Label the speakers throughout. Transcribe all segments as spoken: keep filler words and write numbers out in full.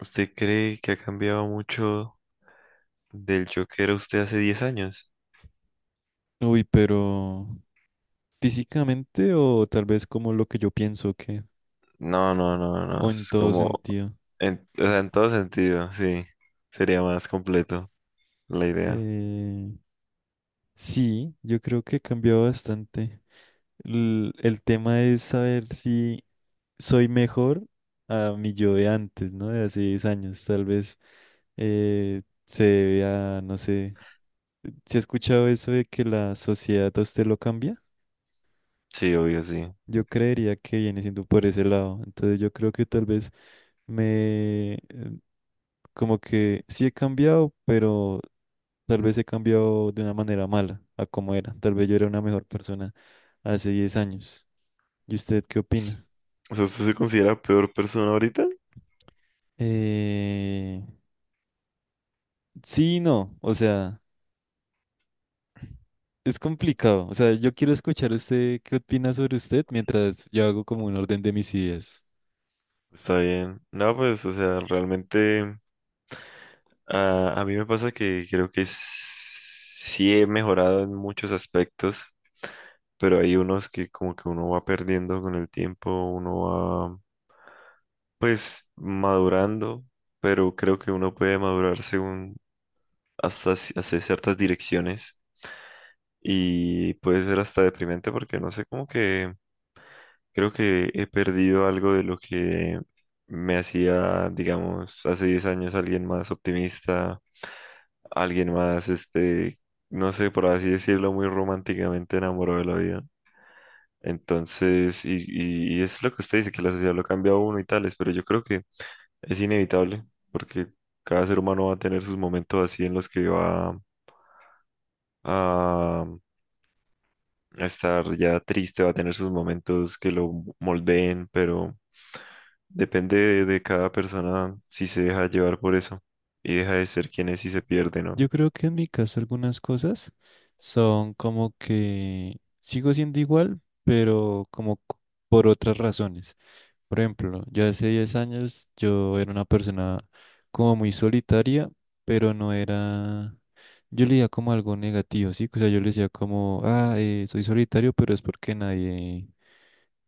Speaker 1: ¿Usted cree que ha cambiado mucho del yo que era usted hace diez años?
Speaker 2: Uy, pero físicamente o tal vez como lo que yo pienso que,
Speaker 1: No, no, no, no.
Speaker 2: o en
Speaker 1: Es
Speaker 2: todo
Speaker 1: como,
Speaker 2: sentido.
Speaker 1: en, o sea, en todo sentido, sí. Sería más completo la idea.
Speaker 2: Eh, sí, yo creo que he cambiado bastante. El, el tema es saber si soy mejor a mi yo de antes, ¿no? De hace diez años. Tal vez eh, se debe a, no sé, ¿si he escuchado eso de que la sociedad a usted lo cambia?
Speaker 1: Sí, obvio, sí.
Speaker 2: Yo creería que viene siendo por ese lado. Entonces yo creo que tal vez me, eh, como que sí he cambiado, pero tal vez he cambiado de una manera mala a como era. Tal vez yo era una mejor persona hace diez años. ¿Y usted qué opina?
Speaker 1: O sea, ¿usted se considera peor persona ahorita?
Speaker 2: Eh, sí, y no, o sea, es complicado. O sea, yo quiero escuchar usted qué opina sobre usted mientras yo hago como un orden de mis ideas.
Speaker 1: Está bien. No, pues, o sea, realmente a, a mí me pasa que creo que s- sí he mejorado en muchos aspectos, pero hay unos que como que uno va perdiendo con el tiempo, uno va Pues madurando, pero creo que uno puede madurar según hasta ci- hacia ciertas direcciones y puede ser hasta deprimente porque no sé, como que creo que he perdido algo de lo que me hacía, digamos, hace diez años alguien más optimista, alguien más, este, no sé, por así decirlo, muy románticamente enamorado de la vida. Entonces, y, y y es lo que usted dice, que la sociedad lo cambia a uno y tales, pero yo creo que Es inevitable, porque cada ser humano va a tener sus momentos así en los que va a, a estar ya triste, va a tener sus momentos que lo moldeen, pero depende de, de cada persona si se deja llevar por eso y deja de ser quien es y se pierde,
Speaker 2: Yo
Speaker 1: ¿no?
Speaker 2: creo que en mi caso algunas cosas son como que sigo siendo igual, pero como c- por otras razones. Por ejemplo, yo hace diez años yo era una persona como muy solitaria, pero no era. Yo leía como algo negativo, ¿sí? O sea, yo le decía como, ah, eh, soy solitario, pero es porque nadie.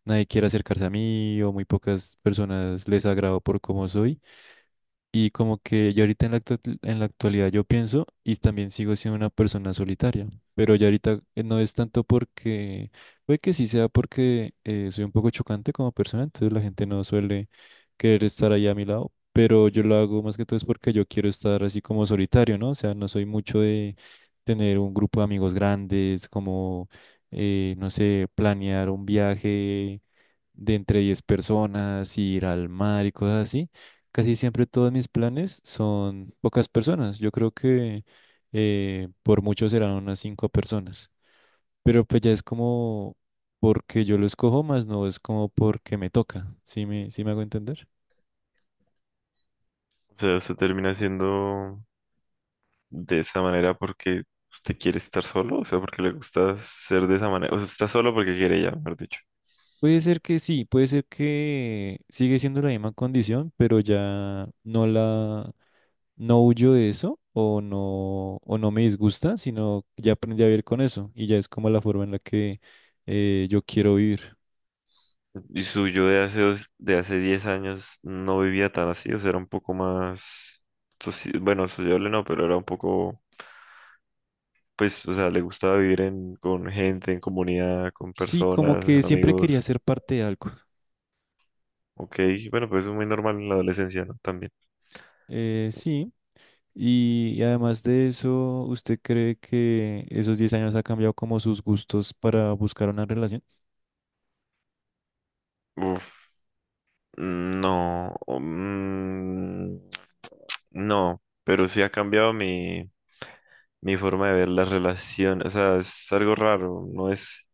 Speaker 2: Nadie quiere acercarse a mí o muy pocas personas les agrado por cómo soy. Y como que yo ahorita en la, actu- en la actualidad yo pienso y también sigo siendo una persona solitaria, pero ya ahorita eh, no es tanto porque, puede que sí sea porque eh, soy un poco chocante como persona, entonces la gente no suele querer estar ahí a mi lado, pero yo lo hago más que todo es porque yo quiero estar así como solitario, ¿no? O sea, no soy mucho de tener un grupo de amigos grandes, como, eh, no sé, planear un viaje de entre diez personas, ir al mar y cosas así. Casi siempre todos mis planes son pocas personas. Yo creo que eh, por mucho serán unas cinco personas. Pero pues ya es como porque yo lo escojo más, no es como porque me toca. ¿Sí me, sí me hago entender?
Speaker 1: O sea, usted termina siendo de esa manera porque usted quiere estar solo, o sea, porque le gusta ser de esa manera, o sea, está solo porque quiere ya, mejor dicho.
Speaker 2: Puede ser que sí, puede ser que sigue siendo la misma condición, pero ya no la, no huyo de eso o no, o no, me disgusta, sino ya aprendí a vivir con eso y ya es como la forma en la que eh, yo quiero vivir.
Speaker 1: Y su yo de hace, dos- de hace diez años no vivía tan así, o sea, era un poco más, soci- bueno, sociable no, pero era un poco, pues, o sea, le gustaba vivir en, con gente, en comunidad, con
Speaker 2: Sí, como
Speaker 1: personas,
Speaker 2: que
Speaker 1: en
Speaker 2: siempre quería
Speaker 1: amigos.
Speaker 2: ser parte de algo.
Speaker 1: Ok, bueno, pues es muy normal en la adolescencia, ¿no? También.
Speaker 2: Eh, sí, y y además de eso, ¿usted cree que esos diez años ha cambiado como sus gustos para buscar una relación?
Speaker 1: Uf. No, o, mm, no, pero sí ha cambiado mi, mi forma de ver las relaciones. O sea, es algo raro, no es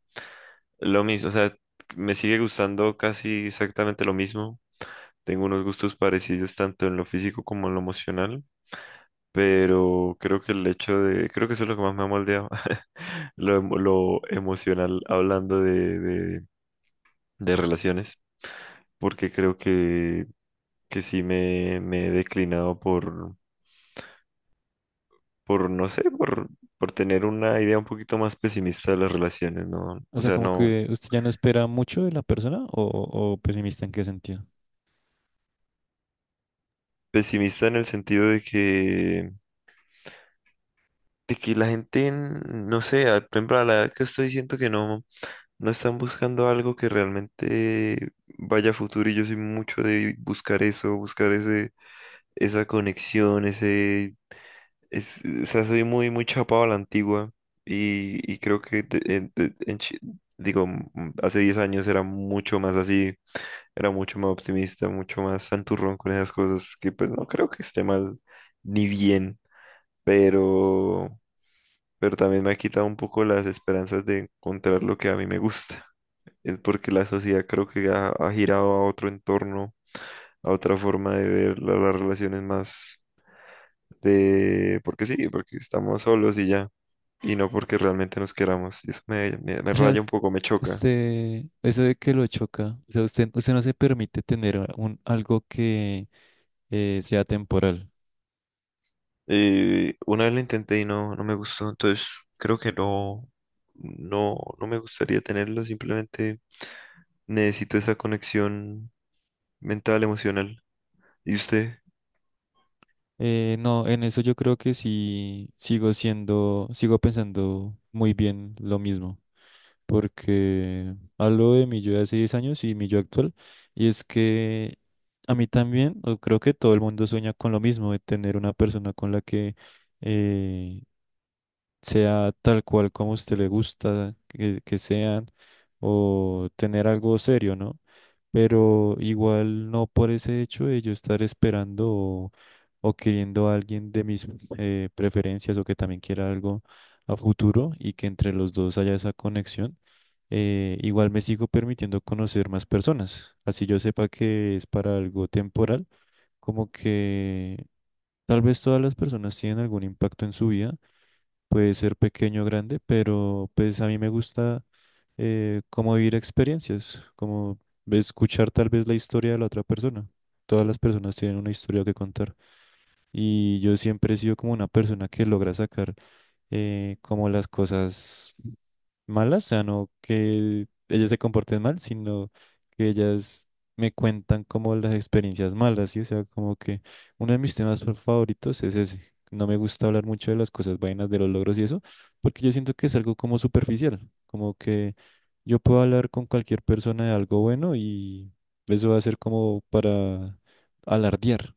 Speaker 1: lo mismo. O sea, me sigue gustando casi exactamente lo mismo. Tengo unos gustos parecidos tanto en lo físico como en lo emocional, pero creo que el hecho de, creo que eso es lo que más me ha moldeado, lo, emo- lo emocional hablando de, de, de relaciones, porque creo que, que sí me, me he declinado por por, no sé, por, por tener una idea un poquito más pesimista de las relaciones, ¿no?
Speaker 2: O
Speaker 1: O
Speaker 2: sea,
Speaker 1: sea,
Speaker 2: como
Speaker 1: no,
Speaker 2: que usted ya no espera mucho de la persona o, o ¿pesimista en qué sentido?
Speaker 1: pesimista en el sentido de que, de que la gente, n- no sé, a- por ejemplo, a la edad que estoy, siento que no, no están buscando algo que realmente vaya a futuro y yo soy mucho de buscar eso, buscar ese, esa conexión, ese, es, o sea, soy muy, muy chapado a la antigua y, y creo que de- en- de- en chi- digo, m- hace diez años era mucho más así, era mucho más optimista, mucho más santurrón con esas cosas, que pues no creo que esté mal ni bien, pero, pero también me ha quitado un poco las esperanzas de encontrar lo que a mí me gusta. Es porque la sociedad creo que ha, ha girado a otro entorno, a otra forma de ver la- las relaciones más de, porque sí, porque estamos solos y ya, y no porque realmente nos queramos. Y eso me, me me
Speaker 2: O sea,
Speaker 1: raya un
Speaker 2: us-
Speaker 1: poco, me choca.
Speaker 2: usted, eso de que lo choca, o sea, usted, usted no se permite tener un, algo que eh, sea temporal.
Speaker 1: Eh, una vez lo intenté y no, no me gustó, entonces creo que no, no, no me gustaría tenerlo, simplemente necesito esa conexión mental, emocional. ¿Y usted?
Speaker 2: Eh, no, en eso yo creo que sí sigo siendo, sigo pensando muy bien lo mismo, porque hablo de mi yo de hace diez años y mi yo actual, y es que a mí también, o creo que todo el mundo sueña con lo mismo, de tener una persona con la que eh, sea tal cual como a usted le gusta que, que sean o tener algo serio, ¿no? Pero igual no por ese hecho de yo estar esperando o, o queriendo a alguien de mis eh, preferencias o que también quiera algo a futuro y que entre los dos haya esa conexión, eh, igual me sigo permitiendo conocer más personas. Así yo sepa que es para algo temporal, como que tal vez todas las personas tienen algún impacto en su vida, puede ser pequeño o grande, pero pues a mí me gusta eh, como vivir experiencias, como escuchar tal vez la historia de la otra persona. Todas las personas tienen una historia que contar y yo siempre he sido como una persona que logra sacar eh, como las cosas malas, o sea, no que ellas se comporten mal, sino que ellas me cuentan como las experiencias malas, ¿sí? O sea, como que uno de mis temas fa- favoritos es ese. No me gusta hablar mucho de las cosas vainas, de los logros y eso, porque yo siento que es algo como superficial, como que yo puedo hablar con cualquier persona de algo bueno y eso va a ser como para alardear,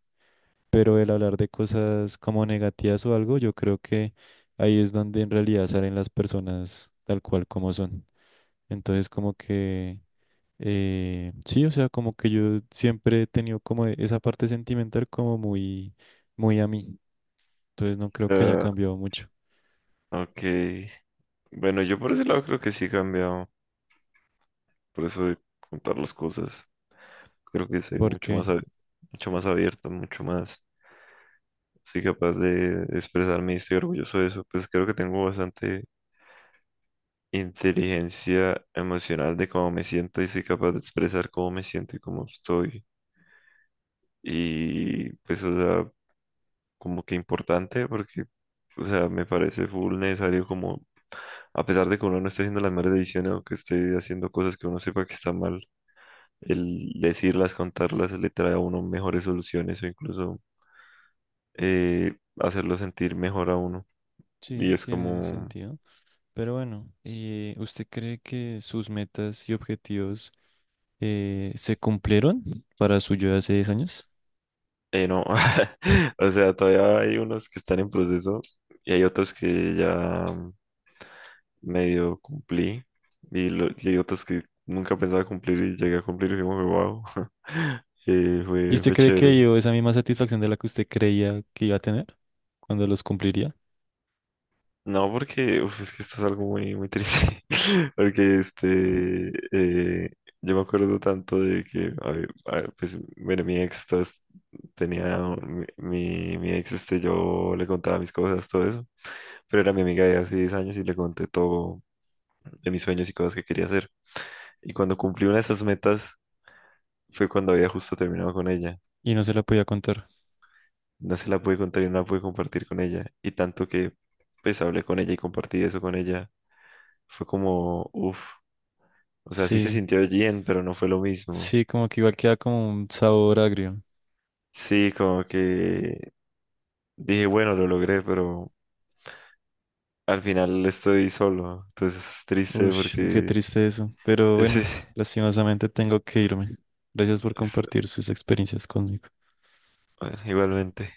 Speaker 2: pero el hablar de cosas como negativas o algo, yo creo que ahí es donde en realidad salen las personas tal cual como son. Entonces, como que, eh, sí, o sea, como que yo siempre he tenido como e- esa parte sentimental como muy, muy a mí. Entonces, no creo que haya
Speaker 1: Ah,
Speaker 2: cambiado mucho,
Speaker 1: ok. Bueno, yo por ese lado creo que sí he cambiado. Por eso de contar las cosas. Creo que soy mucho
Speaker 2: porque
Speaker 1: más, ab- mucho más abierto, mucho más. Soy capaz de expresarme y estoy orgulloso de eso. Pues creo que tengo bastante inteligencia emocional de cómo me siento y soy capaz de expresar cómo me siento y cómo estoy. Y pues, o sea, como que importante porque, o sea, me parece full necesario como, a pesar de que uno no esté haciendo las mejores decisiones o que esté haciendo cosas que uno sepa que está mal, el decirlas, contarlas, le trae a uno mejores soluciones o incluso eh, hacerlo sentir mejor a uno. Y
Speaker 2: sí,
Speaker 1: es
Speaker 2: tiene
Speaker 1: como.
Speaker 2: sentido. Pero bueno, eh, ¿usted cree que sus metas y objetivos eh, se cumplieron para su yo de hace diez años?
Speaker 1: Eh, no, o sea, todavía hay unos que están en proceso y hay otros que ya medio cumplí y, lo- y hay otros que nunca pensaba cumplir y llegué a cumplir y fue como, wow. eh,
Speaker 2: ¿Y
Speaker 1: fue,
Speaker 2: usted
Speaker 1: fue
Speaker 2: cree que
Speaker 1: chévere.
Speaker 2: dio esa misma satisfacción de la que usted creía que iba a tener cuando los cumpliría?
Speaker 1: No, porque uf, es que esto es algo muy, muy triste. Porque este, eh, yo me acuerdo tanto de que, a ver, a ver, pues, bueno, mi ex Tenía un- mi, mi ex, este, yo le contaba mis cosas, todo eso, pero era mi amiga de hace diez años y le conté todo de mis sueños y cosas que quería hacer. Y cuando cumplí una de esas metas fue cuando había justo terminado con ella.
Speaker 2: Y no se la podía contar.
Speaker 1: No se la pude contar y no la pude compartir con ella. Y tanto que pues hablé con ella y compartí eso con ella, fue como, uff, o sea, sí se
Speaker 2: Sí,
Speaker 1: sintió bien, pero no fue lo mismo.
Speaker 2: sí, como que igual queda como un sabor agrio.
Speaker 1: Sí, como que dije, bueno, lo logré, pero al final estoy solo. Entonces es triste
Speaker 2: Uy, qué
Speaker 1: porque...
Speaker 2: triste eso. Pero
Speaker 1: Sí,
Speaker 2: bueno, lastimosamente tengo que irme. Gracias por
Speaker 1: es-
Speaker 2: compartir sus experiencias conmigo.
Speaker 1: bueno, igualmente.